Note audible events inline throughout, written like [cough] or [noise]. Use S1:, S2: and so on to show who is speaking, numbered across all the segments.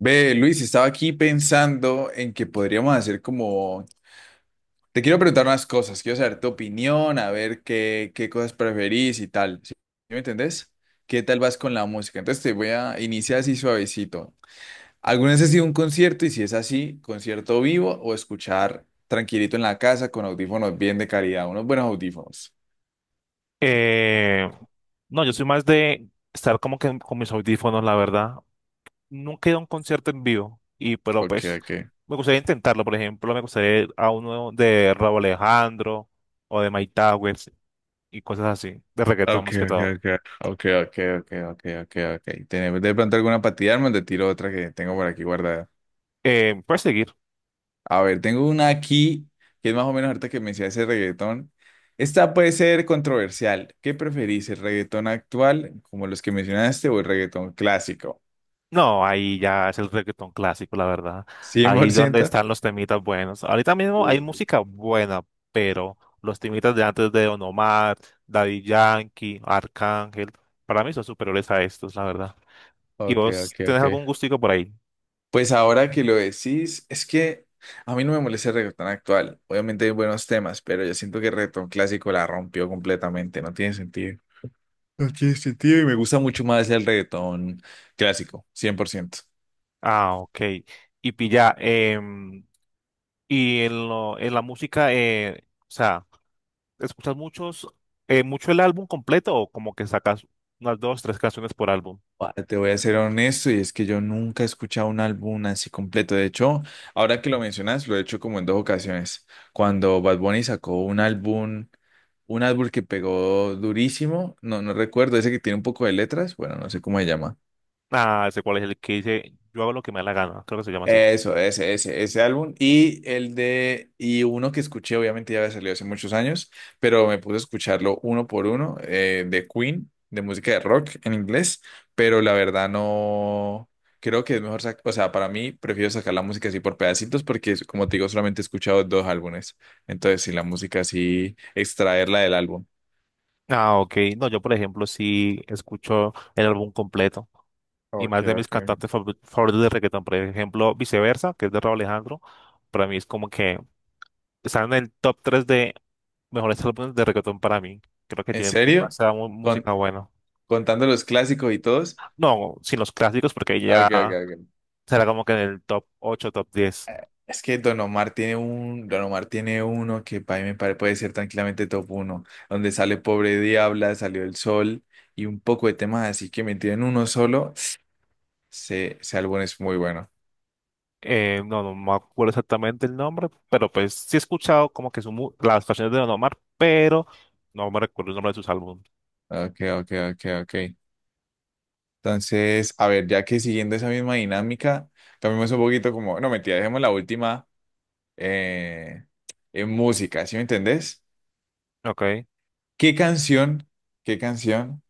S1: Ve, Luis, estaba aquí pensando en que podríamos hacer como... Te quiero preguntar unas cosas, quiero saber tu opinión, a ver qué cosas preferís y tal. ¿Sí me entendés? ¿Qué tal vas con la música? Entonces te voy a iniciar así suavecito. ¿Alguna vez has ido a un concierto? Y si es así, ¿concierto vivo o escuchar tranquilito en la casa con audífonos bien de calidad? Unos buenos audífonos.
S2: Eh, no, yo soy más de estar como que con mis audífonos, la verdad. Nunca he ido a un concierto en vivo, y pero
S1: Ok,
S2: pues
S1: ok.
S2: me gustaría intentarlo, por ejemplo, me gustaría ir a uno de Rauw Alejandro o de Mike Towers y cosas así, de reggaetón
S1: Ok,
S2: más que
S1: ok,
S2: todo.
S1: ok. Ok, ok, ok, ok, ok, ok. Tenemos de pronto alguna para tirarme, te tiro otra que tengo por aquí guardada.
S2: Puedes seguir.
S1: A ver, tengo una aquí que es más o menos ahorita que me decía ese reggaetón. Esta puede ser controversial. ¿Qué preferís, el reggaetón actual, como los que mencionaste, o el reggaetón clásico?
S2: No, ahí ya es el reggaetón clásico, la verdad. Ahí es donde
S1: ¿100%?
S2: están los temitas buenos. Ahorita mismo hay
S1: Uy.
S2: música buena, pero los temitas de antes de Don Omar, Daddy Yankee, Arcángel, para mí son superiores a estos, la verdad. ¿Y
S1: Ok,
S2: vos
S1: ok,
S2: tenés
S1: ok.
S2: algún gustico por ahí?
S1: Pues ahora que lo decís, es que a mí no me molesta el reggaetón actual. Obviamente hay buenos temas, pero yo siento que el reggaetón clásico la rompió completamente. No tiene sentido. No tiene sentido y me gusta mucho más el reggaetón clásico, 100%.
S2: Ah, ok. Y pilla, y en la música, o sea, ¿escuchas muchos, mucho el álbum completo o como que sacas unas dos, tres canciones por álbum?
S1: Guau, te voy a ser honesto y es que yo nunca he escuchado un álbum así completo. De hecho, ahora que lo mencionas, lo he hecho como en dos ocasiones. Cuando Bad Bunny sacó un álbum que pegó durísimo, no recuerdo, ese que tiene un poco de letras, bueno, no sé cómo se llama.
S2: Ah, sé cuál es el que dice, yo hago lo que me da la gana, creo que se llama así.
S1: Eso, ese álbum. Y el de, y uno que escuché, obviamente ya había salido hace muchos años, pero me puse a escucharlo uno por uno, de Queen, de música de rock en inglés, pero la verdad no, creo que es mejor, o sea, para mí prefiero sacar la música así por pedacitos porque, como te digo, solamente he escuchado dos álbumes. Entonces, si la música así, extraerla del álbum.
S2: Ah, ok. No, yo por ejemplo sí escucho el álbum completo y
S1: Ok,
S2: más de mis
S1: ok.
S2: favoritos de reggaetón, por ejemplo, Viceversa, que es de Rauw Alejandro, para mí es como que están en el top 3 de mejores álbumes de reggaetón para mí. Creo que
S1: ¿En
S2: tienen
S1: serio?
S2: demasiada
S1: ¿Con,
S2: música buena.
S1: ¿contando los clásicos y todos?
S2: No, sin los clásicos porque
S1: Ok, ok,
S2: ya
S1: ok.
S2: será como que en el top 8, top 10.
S1: Es que Don Omar tiene uno que para mí puede ser tranquilamente top uno, donde sale Pobre Diabla, salió El Sol y un poco de temas así que metido en uno solo, ese álbum es muy bueno.
S2: No, no me acuerdo exactamente el nombre, pero pues sí he escuchado como que las canciones de Don Omar, pero no me recuerdo el nombre de sus álbumes.
S1: Ok, ok, ok, ok. Entonces, a ver, ya que siguiendo esa misma dinámica, cambiamos un poquito como, no mentira, dejemos la última eh, en música, ¿sí me entendés?
S2: Ok.
S1: ¿Qué canción, ¿qué canción?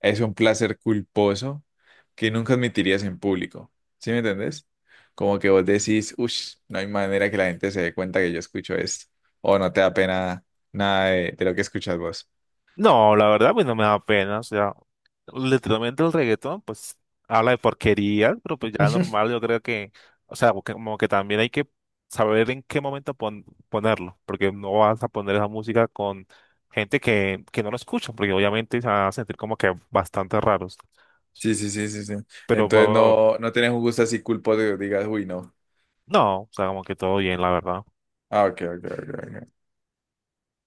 S1: Es un placer culposo que nunca admitirías en público. ¿Sí me entendés? Como que vos decís, uff, no hay manera que la gente se dé cuenta que yo escucho esto. O no te da pena nada de lo que escuchas vos.
S2: No, la verdad, pues no me da pena. O sea, literalmente el reggaetón, pues habla de porquerías, pero pues ya
S1: [laughs]
S2: normal, yo creo que, o sea, como que también hay que saber en qué momento ponerlo, porque no vas a poner esa música con que no lo escucha, porque obviamente se van a sentir como que bastante raros.
S1: Sí, sí, sí, sí, sí.
S2: Pero
S1: Entonces no, no tenés un gusto así culposo que digas, uy, no.
S2: no, o sea, como que todo bien, la verdad.
S1: Ah, ok, ok, ok, ok.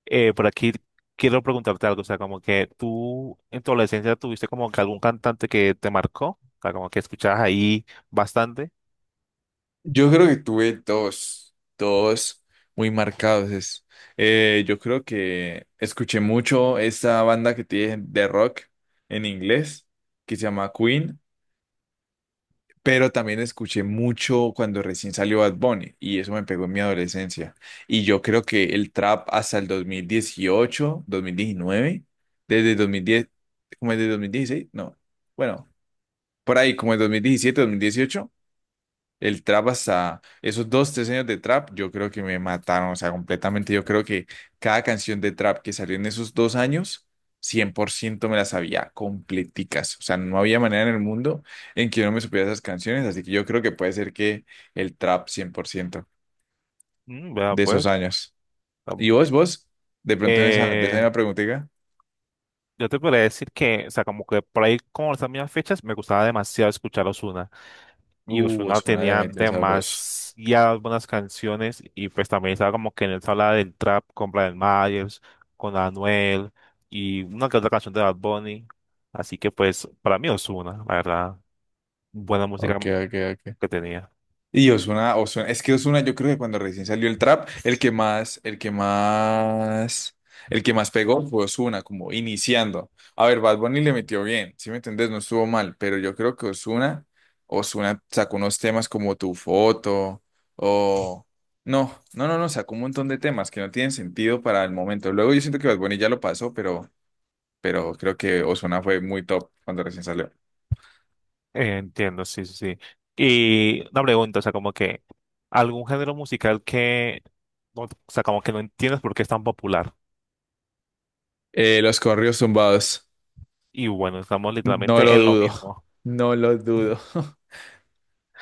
S2: Por aquí quiero preguntarte algo, o sea, como que tú en tu adolescencia tuviste como que algún cantante que te marcó, o sea, como que escuchabas ahí bastante.
S1: Yo creo que tuve dos, dos muy marcados. Yo creo que escuché mucho esta banda que tiene de rock en inglés, que se llama Queen, pero también escuché mucho cuando recién salió Bad Bunny y eso me pegó en mi adolescencia. Y yo creo que el trap hasta el dos mil dieciocho dos mil diecinueve, desde dos mil diez, como desde 2016 no, bueno, por ahí como el mil diecisiete, dos mil dieciocho, el trap hasta esos dos, tres años de trap, yo creo que me mataron, o sea, completamente. Yo creo que cada canción de trap que salió en esos dos años, 100% me las sabía completicas. O sea, no había manera en el mundo en que yo no me supiera esas canciones, así que yo creo que puede ser que el trap 100%
S2: Mm, vea
S1: de esos
S2: pues.
S1: años. ¿Y
S2: Am-
S1: vos? De pronto en esa, de esa
S2: Eh,
S1: misma preguntita.
S2: yo te podría decir que, o sea, como que por ahí como las mismas fechas me gustaba demasiado escuchar Ozuna. Y Ozuna
S1: Osmona le
S2: tenía
S1: metió sabroso.
S2: demasiadas buenas canciones y pues también estaba como que en esa habla del trap con Brian Myers, con Anuel y una que otra canción de Bad Bunny. Así que pues para mí Ozuna, la verdad, buena música
S1: Ok, ok, ok.
S2: que tenía.
S1: Y es que Ozuna, yo creo que cuando recién salió el trap, el que más pegó fue Ozuna, como iniciando. A ver, Bad Bunny le metió bien, ¿si me entendés? No estuvo mal, pero yo creo que Ozuna sacó unos temas como Tu Foto, o... No, no, no, no, sacó un montón de temas que no tienen sentido para el momento. Luego yo siento que Bad Bunny ya lo pasó, pero creo que Ozuna fue muy top cuando recién salió.
S2: Entiendo, sí, sí, sí. Y una pregunta, o sea, como que algún género musical que, o sea, como que no entiendes por qué es tan popular.
S1: Los corridos tumbados.
S2: Y bueno, estamos
S1: No
S2: literalmente
S1: lo
S2: en lo
S1: dudo,
S2: mismo. [laughs]
S1: no lo dudo. [laughs]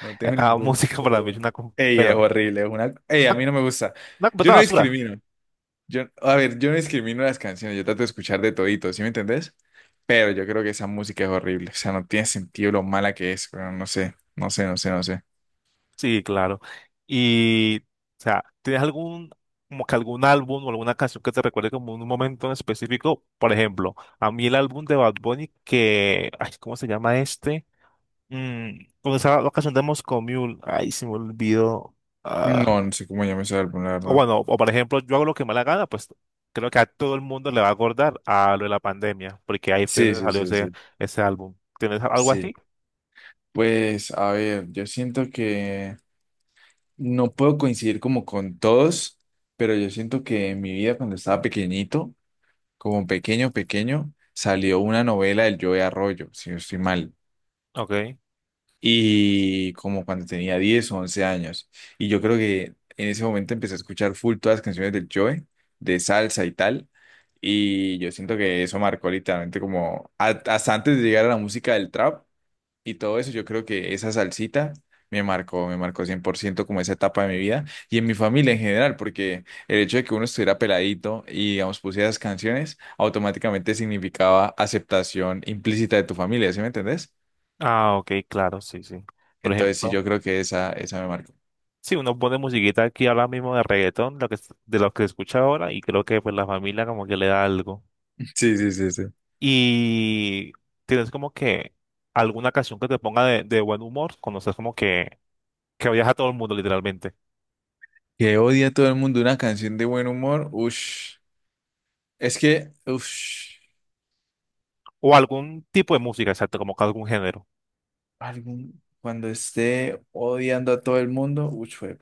S1: No tengo ningún
S2: Música para mí es
S1: problema.
S2: una,
S1: Ey, es
S2: pero,
S1: horrible, es una... Ey, a
S2: una,
S1: mí no me gusta.
S2: una
S1: Yo
S2: completa
S1: no
S2: basura.
S1: discrimino. Yo, a ver, yo no discrimino las canciones, yo trato de escuchar de todito, ¿sí me entendés? Pero yo creo que esa música es horrible, o sea, no tiene sentido lo mala que es, pero no sé, no sé, no sé, no sé.
S2: Sí, claro. O sea, ¿tienes algún, como que algún álbum o alguna canción que te recuerde como un momento en específico? Por ejemplo, a mí el álbum de Bad Bunny que, ay, ¿cómo se llama este? Mm, con esa la canción de Moscow Mule, ay, se me olvidó. Ah,
S1: No, no sé cómo llama ese álbum, la
S2: o
S1: verdad.
S2: bueno, o por ejemplo, yo hago lo que me da la gana, pues creo que a todo el mundo le va a acordar a lo de la pandemia, porque ahí fue
S1: Sí,
S2: donde
S1: sí, sí, sí.
S2: ese álbum. ¿Tienes algo
S1: Sí.
S2: así?
S1: Pues, a ver, yo siento que... No puedo coincidir como con todos, pero yo siento que en mi vida cuando estaba pequeñito, como pequeño, pequeño, salió una novela del Joe Arroyo, si no estoy mal,
S2: Ok.
S1: y como cuando tenía 10 o 11 años. Y yo creo que en ese momento empecé a escuchar full todas las canciones del Joe, de salsa y tal, y yo siento que eso marcó literalmente como hasta antes de llegar a la música del trap y todo eso, yo creo que esa salsita me marcó 100% como esa etapa de mi vida y en mi familia en general, porque el hecho de que uno estuviera peladito y, digamos, pusiera esas canciones, automáticamente significaba aceptación implícita de tu familia, ¿sí me entendés?
S2: Ah, ok, claro, sí, sí. Por
S1: Entonces, sí,
S2: ejemplo.
S1: yo creo que esa me marcó.
S2: Sí, uno pone musiquita aquí ahora mismo de reggaetón, de lo que escucha ahora, y creo que pues la familia como que le da algo.
S1: Sí, sí, sí, sí.
S2: Y tienes como que alguna canción que te ponga de buen humor, cuando estás como que odias a todo el mundo literalmente.
S1: Que odia a todo el mundo una canción de buen humor, ush. Es que, ush,
S2: O algún tipo de música, exacto, como que algún género.
S1: algún, cuando esté odiando a todo el mundo, ush, fue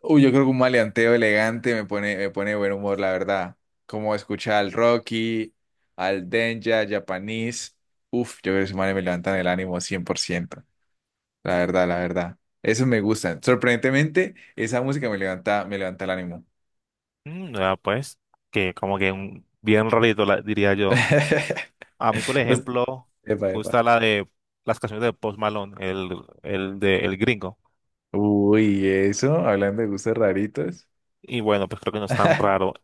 S1: uy, yo creo que un maleanteo elegante me pone de buen humor, la verdad. Como escuchar al Rocky, al Denja, Japanese. Uf, yo creo que esos manes me levantan el ánimo 100%, la verdad, la verdad. Eso me gusta. Sorprendentemente, esa música me levanta el ánimo.
S2: Mm, ya, pues, que como que un, bien rarito, diría yo.
S1: [laughs]
S2: A mí, por
S1: Pues-
S2: ejemplo, me
S1: Epa, epa.
S2: gusta la de las canciones de Post Malone, el de El Gringo.
S1: Uy, eso, hablando de gustos raritos.
S2: Y bueno, pues creo que no es tan
S1: [laughs]
S2: raro.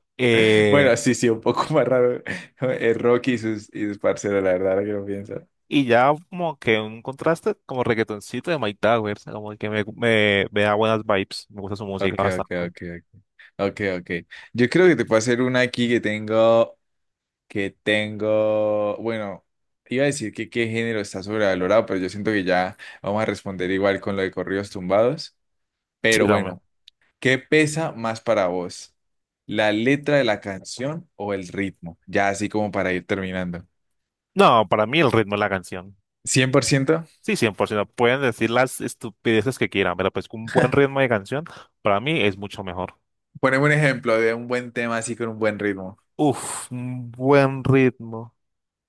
S1: Bueno,
S2: Eh,
S1: sí, sí, un poco [laughs] más raro. El Rocky y y sus parceros, la verdad, ahora que lo pienso.
S2: Y ya como que un contraste como reggaetoncito de Mike Towers, como que me da buenas vibes, me gusta su música
S1: Ok, ok,
S2: bastante.
S1: ok, ok, ok. Yo creo que te puedo hacer una aquí que tengo, bueno, iba a decir que qué género está sobrevalorado, pero yo siento que ya vamos a responder igual con lo de corridos tumbados.
S2: Sí,
S1: Pero
S2: también.
S1: bueno, ¿qué pesa más para vos? ¿La letra de la canción o el ritmo? Ya así como para ir terminando.
S2: No, para mí el ritmo de la canción.
S1: 100%.
S2: Sí, cien por ciento. Pueden decir las estupideces que quieran, pero pues un buen ritmo de canción para mí es mucho mejor.
S1: Poneme un ejemplo de un buen tema así con un buen ritmo.
S2: Uf, un buen ritmo.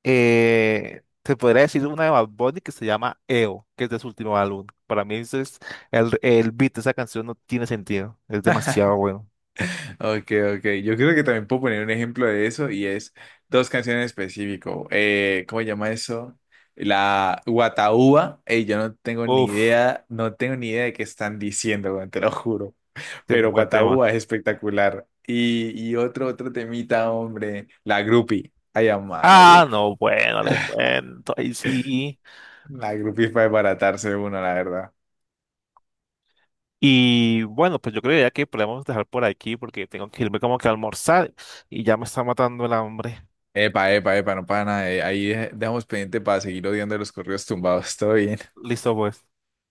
S2: Te podría decir una de Bad Bunny que se llama EO, que es de su último álbum. Para mí ese es el beat de esa canción no tiene sentido, es demasiado bueno.
S1: Ok, ok. Yo creo que también puedo poner un ejemplo de eso y es dos canciones en específico. ¿Cómo se llama eso? La Guataúba. Ey, yo no tengo ni
S2: Uf,
S1: idea, no tengo ni idea de qué están diciendo, weón, te lo juro.
S2: qué buen tema.
S1: Guataúba es espectacular. Y, otro temita, hombre. La Grupi. Ay, amá, la
S2: Ah,
S1: Grupi.
S2: no, bueno, le cuento, ahí sí.
S1: La Grupi es para desbaratarse uno, la verdad.
S2: Y bueno, pues yo creo ya que podemos dejar por aquí porque tengo que irme como que a almorzar y ya me está matando el hambre.
S1: Epa, epa, epa, no para nada. Ahí dejamos pendiente para seguir odiando los corridos tumbados. [laughs] Todo bien.
S2: Listo, pues.